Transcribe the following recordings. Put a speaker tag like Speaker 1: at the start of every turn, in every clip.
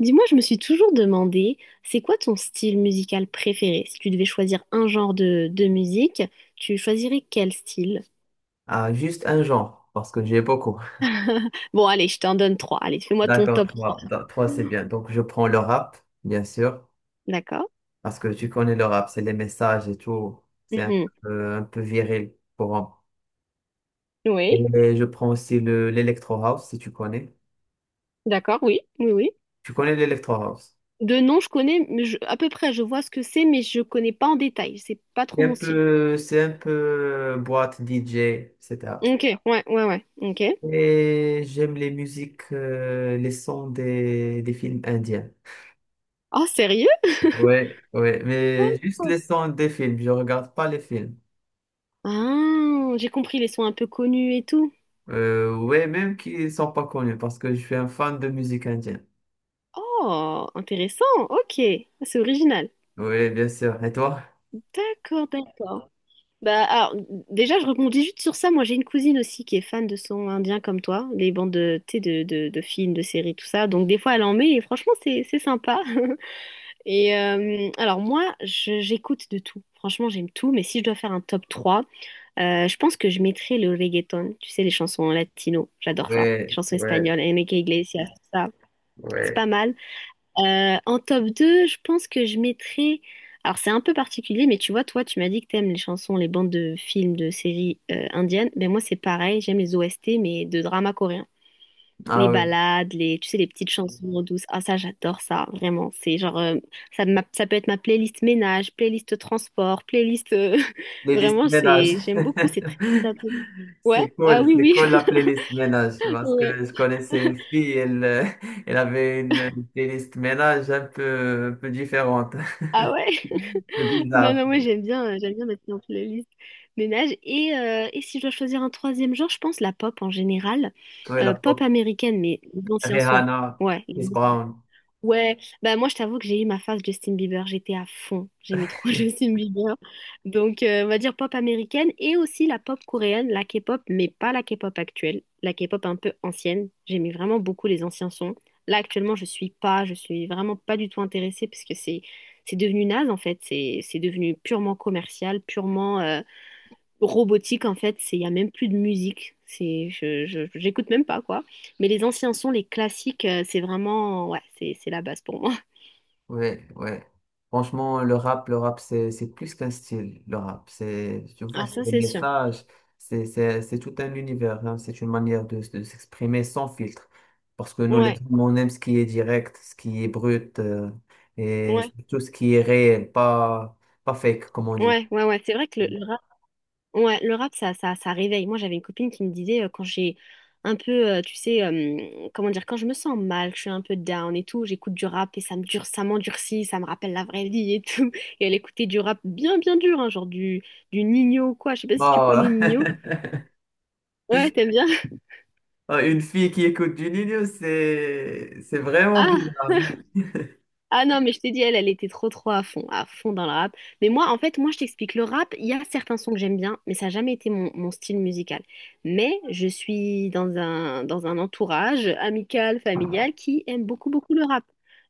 Speaker 1: Dis-moi, je me suis toujours demandé, c'est quoi ton style musical préféré? Si tu devais choisir un genre de musique, tu choisirais quel style?
Speaker 2: Ah, juste un genre, parce que j'ai beaucoup.
Speaker 1: Bon, allez, je t'en donne trois. Allez, fais-moi ton
Speaker 2: D'accord,
Speaker 1: top 3.
Speaker 2: trois. Trois, c'est bien. Donc, je prends le rap, bien sûr,
Speaker 1: D'accord?
Speaker 2: parce que tu connais le rap, c'est les messages et tout. C'est
Speaker 1: Mhm.
Speaker 2: un peu viril pour un.
Speaker 1: Oui,
Speaker 2: Et je prends aussi l'électro house, si tu connais.
Speaker 1: d'accord, oui, oui, oui.
Speaker 2: Tu connais l'électro house.
Speaker 1: De nom, je connais, mais à peu près, je vois ce que c'est, mais je connais pas en détail. C'est pas trop mon style.
Speaker 2: C'est un peu boîte DJ, etc. Et cetera.
Speaker 1: Ok, ouais, ouais, ouais, ok.
Speaker 2: Et j'aime les musiques, les sons des films indiens.
Speaker 1: Oh, sérieux?
Speaker 2: Ouais, ouais, mais juste
Speaker 1: D'accord.
Speaker 2: les sons des films, je regarde pas les films.
Speaker 1: Ah, j'ai compris les sons un peu connus et tout.
Speaker 2: Ouais, même qui sont pas connus parce que je suis un fan de musique indienne.
Speaker 1: Oh, intéressant, ok, c'est original.
Speaker 2: Oui, bien sûr. Et toi?
Speaker 1: D'accord, d'accord. Bah, alors, déjà, je rebondis juste sur ça. Moi, j'ai une cousine aussi qui est fan de son indien comme toi, les bandes de, tu sais, de films, de séries, tout ça. Donc, des fois, elle en met et franchement, c'est sympa. Et alors, moi, j'écoute de tout. Franchement, j'aime tout. Mais si je dois faire un top 3, je pense que je mettrais le reggaeton. Tu sais, les chansons latino. J'adore ça. Les
Speaker 2: Ouais,
Speaker 1: chansons
Speaker 2: ouais,
Speaker 1: espagnoles, Enrique Iglesias, tout ça. C'est pas
Speaker 2: ouais.
Speaker 1: mal. En top 2, je pense que je mettrais. Alors, c'est un peu particulier, mais tu vois, toi, tu m'as dit que t'aimes les chansons, les bandes de films, de séries indiennes. Ben, moi, c'est pareil, j'aime les OST, mais de drama coréen. Les
Speaker 2: Ah oui,
Speaker 1: ballades, les, tu sais, les petites chansons douces. Ah, ça, j'adore ça, vraiment. C'est genre, ça peut être ma playlist ménage, playlist transport, playlist.
Speaker 2: playlist
Speaker 1: Vraiment,
Speaker 2: ménage.
Speaker 1: j'aime beaucoup, c'est très, très. Ouais, ah oui,
Speaker 2: C'est
Speaker 1: oui.
Speaker 2: cool la playlist ménage parce que
Speaker 1: Ouais.
Speaker 2: je connaissais une fille, elle, elle avait une playlist ménage un peu différente, un
Speaker 1: Ah ouais.
Speaker 2: peu
Speaker 1: Non,
Speaker 2: bizarre.
Speaker 1: non, moi j'aime bien mettre en playlist ménage. Et si je dois choisir un troisième genre, je pense la pop en général.
Speaker 2: Ouais, la
Speaker 1: Pop
Speaker 2: pop,
Speaker 1: américaine, mais les anciens sons.
Speaker 2: Rihanna,
Speaker 1: Ouais, les
Speaker 2: Chris Brown.
Speaker 1: ouais, bah moi je t'avoue que j'ai eu ma phase Justin Bieber, j'étais à fond, j'aimais trop Justin Bieber. Donc on va dire pop américaine et aussi la pop coréenne, la K-pop, mais pas la K-pop actuelle, la K-pop un peu ancienne. J'aimais vraiment beaucoup les anciens sons. Là actuellement je suis pas, je suis vraiment pas du tout intéressée parce que c'est devenu naze en fait, c'est devenu purement commercial, purement robotique en fait, c'est il y a même plus de musique, c'est j'écoute même pas quoi. Mais les anciens sons, les classiques, c'est vraiment ouais, c'est la base pour moi.
Speaker 2: Ouais, ouais. Franchement, le rap, c'est plus qu'un style, le rap. C'est, tu vois,
Speaker 1: Ah
Speaker 2: c'est
Speaker 1: ça
Speaker 2: des
Speaker 1: c'est sûr.
Speaker 2: messages, c'est tout un univers, hein. C'est une manière de s'exprimer sans filtre. Parce que nous, les
Speaker 1: Ouais,
Speaker 2: hommes, on aime ce qui est direct, ce qui est brut, et
Speaker 1: ouais,
Speaker 2: surtout ce qui est réel, pas fake, comme on dit.
Speaker 1: ouais, ouais, ouais. C'est vrai que le rap, ouais, le rap ça réveille. Moi j'avais une copine qui me disait quand j'ai un peu, tu sais, comment dire, quand je me sens mal, je suis un peu down et tout, j'écoute du rap et ça me dure, ça m'endurcit, ça me rappelle la vraie vie et tout. Et elle écoutait du rap bien bien dur, hein, genre du Nino ou quoi. Je sais pas si tu connais
Speaker 2: Bah,
Speaker 1: Nino. Ouais, t'aimes bien?
Speaker 2: une fille qui écoute du Nino, c'est vraiment
Speaker 1: Ah,
Speaker 2: bizarre.
Speaker 1: ah non, mais je t'ai dit, elle était trop, trop à fond dans le rap. Mais moi, en fait, moi, je t'explique, le rap, il y a certains sons que j'aime bien, mais ça n'a jamais été mon style musical. Mais je suis dans un entourage amical, familial, qui aime beaucoup, beaucoup le rap.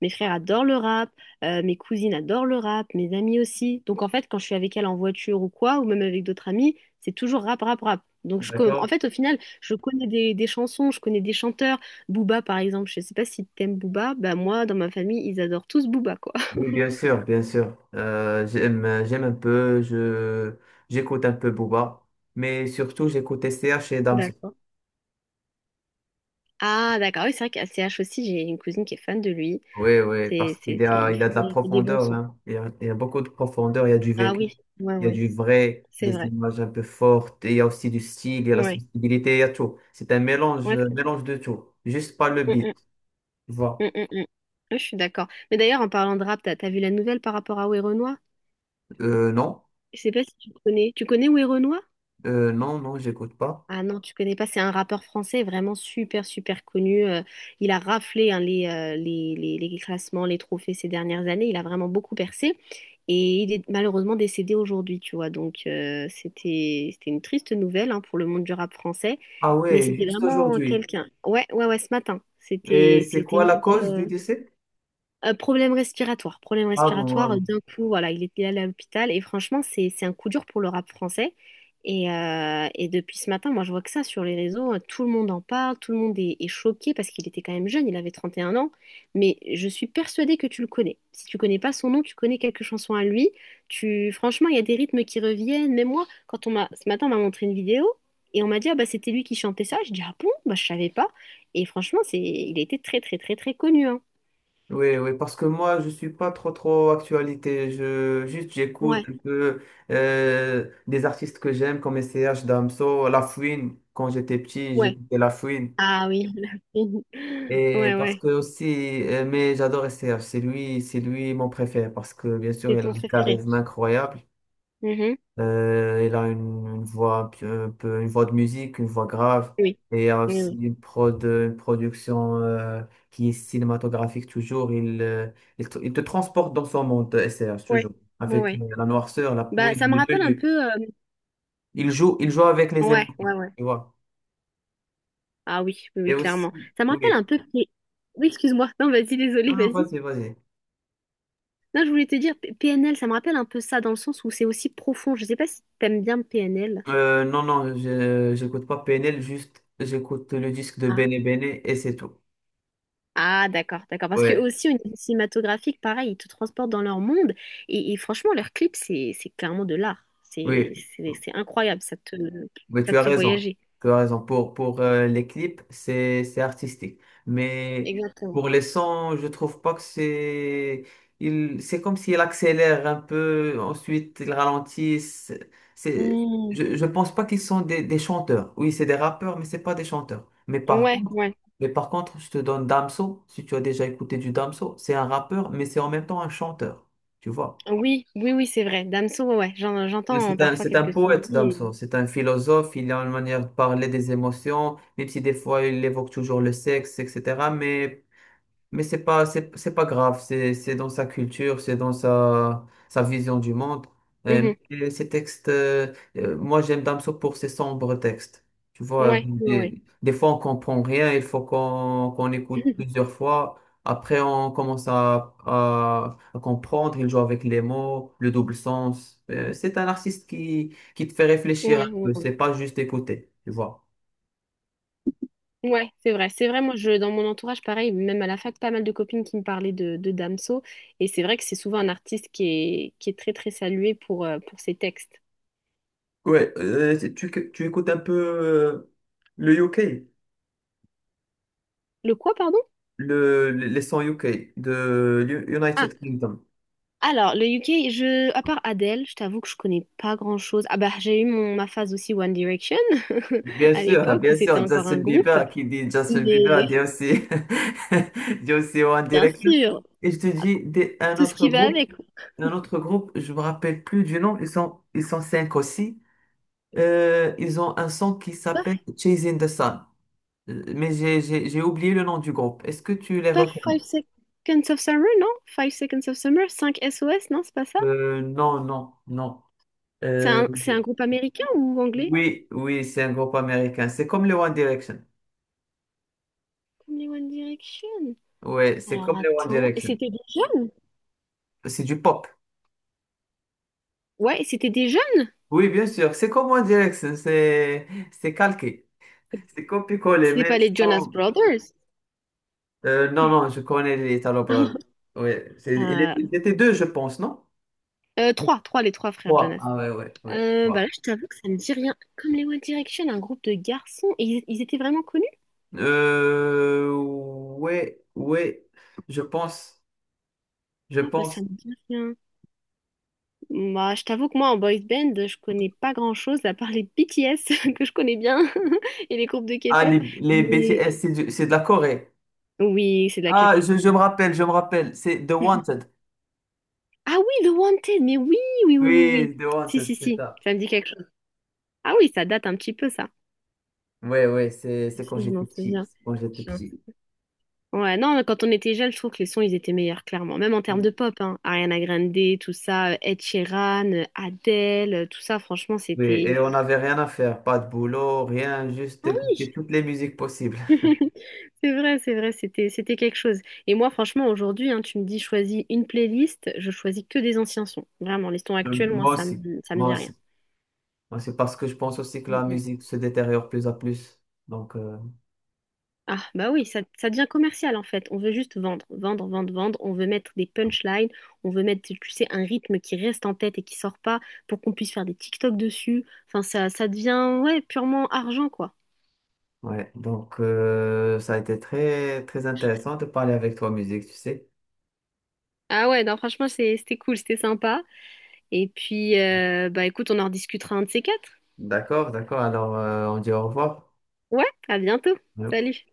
Speaker 1: Mes frères adorent le rap, mes cousines adorent le rap, mes amis aussi. Donc, en fait, quand je suis avec elle en voiture ou quoi, ou même avec d'autres amis, c'est toujours rap, rap, rap. Donc, en
Speaker 2: D'accord?
Speaker 1: fait, au final, je connais des chansons, je connais des chanteurs. Booba, par exemple, je sais pas si t'aimes Booba, bah moi, dans ma famille, ils adorent tous Booba, quoi.
Speaker 2: Oui, bien sûr, bien sûr. J'aime un peu, j'écoute un peu Booba, mais surtout j'écoute S T H et Damso.
Speaker 1: D'accord. Ah, d'accord, oui, c'est vrai qu'à CH aussi, j'ai une cousine qui est fan de lui.
Speaker 2: Oui, oui, parce qu'
Speaker 1: Il
Speaker 2: il a
Speaker 1: fait
Speaker 2: de
Speaker 1: des,
Speaker 2: la
Speaker 1: il fait des bons
Speaker 2: profondeur,
Speaker 1: sons.
Speaker 2: hein. Il y a beaucoup de profondeur, il y a du
Speaker 1: Ah
Speaker 2: vécu,
Speaker 1: oui, ouais,
Speaker 2: il y a
Speaker 1: ouais,
Speaker 2: du vrai,
Speaker 1: c'est
Speaker 2: des
Speaker 1: vrai.
Speaker 2: images un peu fortes, et il y a aussi du style, il y a la
Speaker 1: Ouais,
Speaker 2: sensibilité, il y a tout. C'est
Speaker 1: ouais.
Speaker 2: un mélange de tout, juste pas le
Speaker 1: Mm,
Speaker 2: beat,
Speaker 1: mm,
Speaker 2: tu
Speaker 1: mm,
Speaker 2: vois.
Speaker 1: mm, mm. Ouais, je suis d'accord. Mais d'ailleurs, en parlant de rap, t'as vu la nouvelle par rapport à Werenoi?
Speaker 2: Non,
Speaker 1: Je sais pas si tu connais. Tu connais Werenoi?
Speaker 2: non, non, j'écoute pas.
Speaker 1: Ah non, tu connais pas, c'est un rappeur français vraiment super super connu. Il a raflé hein, les classements, les trophées ces dernières années. Il a vraiment beaucoup percé et il est malheureusement décédé aujourd'hui, tu vois. Donc c'était une triste nouvelle hein, pour le monde du rap français,
Speaker 2: Ah
Speaker 1: mais
Speaker 2: ouais,
Speaker 1: c'était
Speaker 2: juste
Speaker 1: vraiment
Speaker 2: aujourd'hui.
Speaker 1: quelqu'un. Ouais ouais ouais, ce matin,
Speaker 2: Et
Speaker 1: c'était
Speaker 2: c'est
Speaker 1: c'était
Speaker 2: quoi
Speaker 1: une
Speaker 2: la
Speaker 1: nouvelle.
Speaker 2: cause du
Speaker 1: euh,
Speaker 2: décès?
Speaker 1: euh, problème respiratoire, problème
Speaker 2: Ah bon, ah
Speaker 1: respiratoire. euh,
Speaker 2: bon.
Speaker 1: D'un coup, voilà, il était allé à l'hôpital et franchement, c'est un coup dur pour le rap français. Et depuis ce matin, moi, je vois que ça sur les réseaux, tout le monde en parle, tout le monde est choqué parce qu'il était quand même jeune, il avait 31 ans. Mais je suis persuadée que tu le connais. Si tu connais pas son nom, tu connais quelques chansons à lui. Franchement, il y a des rythmes qui reviennent. Même moi, quand on m'a ce matin, on m'a montré une vidéo et on m'a dit ah bah c'était lui qui chantait ça. Je dis ah bon, bah je savais pas. Et franchement, il était très très très très connu, hein.
Speaker 2: Oui, oui, parce que moi, je suis pas trop, trop actualité. Juste, j'écoute
Speaker 1: Ouais.
Speaker 2: un peu des artistes que j'aime, comme S C H, Damso, La Fouine. Quand j'étais petit,
Speaker 1: Ouais.
Speaker 2: j'écoutais La Fouine.
Speaker 1: Ah oui, la fine.
Speaker 2: Et
Speaker 1: Ouais,
Speaker 2: parce
Speaker 1: ouais.
Speaker 2: que aussi, mais j'adore S C H. C'est lui mon préféré, parce que bien sûr,
Speaker 1: C'est
Speaker 2: il a
Speaker 1: ton
Speaker 2: un
Speaker 1: préféré.
Speaker 2: charisme incroyable.
Speaker 1: Mhm.
Speaker 2: Il a une voix un peu, une voix de musique, une voix grave.
Speaker 1: Oui.
Speaker 2: Et il y a
Speaker 1: Oui,
Speaker 2: aussi
Speaker 1: oui.
Speaker 2: une production qui est cinématographique toujours. Il te transporte dans son monde, SRH,
Speaker 1: Ouais,
Speaker 2: toujours.
Speaker 1: ouais,
Speaker 2: Avec
Speaker 1: ouais.
Speaker 2: la noirceur, la
Speaker 1: Bah,
Speaker 2: poésie,
Speaker 1: ça me
Speaker 2: les
Speaker 1: rappelle un
Speaker 2: menus.
Speaker 1: peu.
Speaker 2: Il joue avec les
Speaker 1: Ouais,
Speaker 2: émotions,
Speaker 1: ouais, ouais.
Speaker 2: tu vois.
Speaker 1: Ah oui, oui, oui,
Speaker 2: Et
Speaker 1: clairement.
Speaker 2: aussi,
Speaker 1: Ça me rappelle un
Speaker 2: oui.
Speaker 1: peu. Oui, excuse-moi. Non, vas-y, désolé,
Speaker 2: Non, non,
Speaker 1: vas-y.
Speaker 2: vas-y, vas-y.
Speaker 1: Non, je voulais te dire, PNL, ça me rappelle un peu ça dans le sens où c'est aussi profond. Je sais pas si t'aimes bien PNL.
Speaker 2: Non, non, j'écoute pas PNL, juste j'écoute le disque de Bene Bene et c'est tout.
Speaker 1: Ah, d'accord, d'accord. Parce que
Speaker 2: Ouais,
Speaker 1: aussi, au niveau cinématographique, pareil, ils te transportent dans leur monde. Et franchement, leurs clips, c'est clairement de l'art. C'est,
Speaker 2: oui.
Speaker 1: c'est, c'est incroyable. Ça te,
Speaker 2: Oui,
Speaker 1: ça
Speaker 2: tu as
Speaker 1: te fait
Speaker 2: raison.
Speaker 1: voyager.
Speaker 2: Tu as raison. Pour les clips, c'est artistique. Mais
Speaker 1: Exactement.
Speaker 2: pour les sons, je trouve pas que c'est. C'est comme s'il accélère un peu, ensuite il ralentit. C'est, c'est-
Speaker 1: Hmm.
Speaker 2: je, je pense pas qu'ils sont des chanteurs. Oui, c'est des rappeurs, mais c'est pas des chanteurs. Mais par
Speaker 1: Ouais,
Speaker 2: contre,
Speaker 1: ouais.
Speaker 2: mais par contre, je te donne Damso, si tu as déjà écouté du Damso, c'est un rappeur, mais c'est en même temps un chanteur. Tu vois?
Speaker 1: Oui, oui, oui, c'est vrai. Damso, ouais, ouais.
Speaker 2: Et
Speaker 1: J'entends
Speaker 2: C'est un,
Speaker 1: parfois
Speaker 2: c'est un
Speaker 1: quelques sons de
Speaker 2: poète,
Speaker 1: lui
Speaker 2: Damso. C'est un philosophe. Il a une manière de parler des émotions, même si des fois il évoque toujours le sexe, etc. Mais c'est pas, c'est pas grave, c'est dans sa culture, c'est dans sa vision du monde. Euh,
Speaker 1: Mhm.
Speaker 2: mais ces textes, moi j'aime Damso pour ses sombres textes. Tu vois,
Speaker 1: Ouais, ouais, ouais.
Speaker 2: des fois on comprend rien, il faut qu'on écoute plusieurs fois. Après on commence à comprendre, il joue avec les mots, le double sens. C'est un artiste qui te fait réfléchir
Speaker 1: Ouais,
Speaker 2: un
Speaker 1: ouais,
Speaker 2: peu,
Speaker 1: ouais.
Speaker 2: c'est pas juste écouter, tu vois.
Speaker 1: Ouais, c'est vrai. C'est vrai, moi, dans mon entourage, pareil, même à la fac, pas mal de copines qui me parlaient de Damso. Et c'est vrai que c'est souvent un artiste qui est très, très salué pour ses textes.
Speaker 2: Ouais, tu écoutes un peu euh, le UK.
Speaker 1: Le quoi, pardon?
Speaker 2: Les 100 UK de
Speaker 1: Ah,
Speaker 2: United Kingdom.
Speaker 1: alors, le UK, à part Adele, je t'avoue que je connais pas grand-chose. Ah bah, j'ai eu ma phase aussi One Direction,
Speaker 2: Bien
Speaker 1: à
Speaker 2: sûr, hein,
Speaker 1: l'époque où
Speaker 2: bien
Speaker 1: c'était
Speaker 2: sûr,
Speaker 1: encore
Speaker 2: Justin
Speaker 1: un groupe.
Speaker 2: Bieber, qui dit Justin Bieber, dit
Speaker 1: Mais,
Speaker 2: aussi, dit aussi One
Speaker 1: bien
Speaker 2: Direction.
Speaker 1: sûr,
Speaker 2: Et je te dis,
Speaker 1: tout ce qui va avec.
Speaker 2: un autre groupe, je me rappelle plus du nom, ils sont cinq aussi. Ils ont un son qui
Speaker 1: C'est pas,
Speaker 2: s'appelle Chasing the Sun. Mais j'ai oublié le nom du groupe. Est-ce que tu les
Speaker 1: pas
Speaker 2: reconnais?
Speaker 1: Five Seconds of Summer, non? Five Seconds of Summer, 5SOS, non? C'est pas ça?
Speaker 2: Non, non, non.
Speaker 1: C'est
Speaker 2: Euh,
Speaker 1: un, c'est un groupe américain ou anglais?
Speaker 2: oui, oui, c'est un groupe américain. C'est comme le One Direction.
Speaker 1: Comme les One Direction.
Speaker 2: Ouais, c'est
Speaker 1: Alors
Speaker 2: comme les One
Speaker 1: attends. Et
Speaker 2: Direction.
Speaker 1: c'était des jeunes?
Speaker 2: C'est du pop.
Speaker 1: Ouais, et c'était des jeunes.
Speaker 2: Oui, bien sûr. C'est comme One Direction. C'est calqué. C'est copié-collé.
Speaker 1: C'était
Speaker 2: Mais
Speaker 1: pas les Jonas
Speaker 2: sans-
Speaker 1: Brothers.
Speaker 2: euh, non, non, je connais les Italo Brothers. Oui,
Speaker 1: Euh,
Speaker 2: ils étaient deux, je pense, non?
Speaker 1: trois, les trois frères
Speaker 2: Trois.
Speaker 1: Jonas.
Speaker 2: Ah ouais, ouais, ouais.
Speaker 1: Bah là,
Speaker 2: Trois.
Speaker 1: je t'avoue que ça me dit rien. Comme les One Direction, un groupe de garçons. Et ils étaient vraiment connus?
Speaker 2: Ouais, ouais. Je pense. Je
Speaker 1: Ah bah ça
Speaker 2: pense.
Speaker 1: me dit rien. Bah je t'avoue que moi en boys band, je connais pas grand-chose à part les BTS que je connais bien et les groupes de
Speaker 2: Ah,
Speaker 1: K-pop.
Speaker 2: les
Speaker 1: Mais
Speaker 2: BTS, c'est de la Corée.
Speaker 1: oui, c'est de la
Speaker 2: Ah,
Speaker 1: K-pop.
Speaker 2: je me rappelle, je me rappelle. C'est The Wanted.
Speaker 1: Ah oui, The Wanted, mais oui, oui, oui, oui, oui.
Speaker 2: Oui, The
Speaker 1: Si,
Speaker 2: Wanted,
Speaker 1: si,
Speaker 2: c'est
Speaker 1: si,
Speaker 2: ça.
Speaker 1: ça me dit quelque chose. Ah oui, ça date un petit peu, ça.
Speaker 2: Ouais, ouais,
Speaker 1: Si,
Speaker 2: c'est quand
Speaker 1: si, je
Speaker 2: j'étais
Speaker 1: m'en
Speaker 2: petit.
Speaker 1: souviens.
Speaker 2: C'est Quand j'étais
Speaker 1: Je m'en-
Speaker 2: petit.
Speaker 1: Ouais, non, mais quand on était jeunes, je trouve que les sons, ils étaient meilleurs, clairement. Même en termes de
Speaker 2: Oui,
Speaker 1: pop, hein. Ariana Grande, tout ça, Ed Sheeran, Adele, tout ça, franchement,
Speaker 2: oui,
Speaker 1: c'était.
Speaker 2: et on n'avait rien à faire. Pas de boulot, rien, juste
Speaker 1: Ah oui!
Speaker 2: écouter toutes les musiques possibles.
Speaker 1: C'est vrai, c'était quelque chose. Et moi, franchement, aujourd'hui, hein, tu me dis, choisis une playlist, je choisis que des anciens sons. Vraiment, les sons actuels, moi,
Speaker 2: Moi
Speaker 1: ça me,
Speaker 2: aussi.
Speaker 1: ça me
Speaker 2: Moi
Speaker 1: dit rien.
Speaker 2: aussi. Moi, c'est parce que je pense aussi que
Speaker 1: Mm,
Speaker 2: la
Speaker 1: mm.
Speaker 2: musique se détériore plus à plus. Donc,
Speaker 1: Ah, bah oui, ça devient commercial en fait. On veut juste vendre, vendre, vendre, vendre. On veut mettre des punchlines. On veut mettre, tu sais, un rythme qui reste en tête et qui sort pas pour qu'on puisse faire des TikTok dessus. Enfin, ça devient, ouais, purement argent, quoi.
Speaker 2: ouais. Donc, ça a été très, très intéressant de parler avec toi, musique, tu sais.
Speaker 1: Ah ouais, non, franchement, c'était cool, c'était sympa. Et puis, bah écoute, on en rediscutera un de ces quatre.
Speaker 2: D'accord, d'accord. Alors, on dit au revoir.
Speaker 1: Ouais, à bientôt.
Speaker 2: Ouais.
Speaker 1: Salut.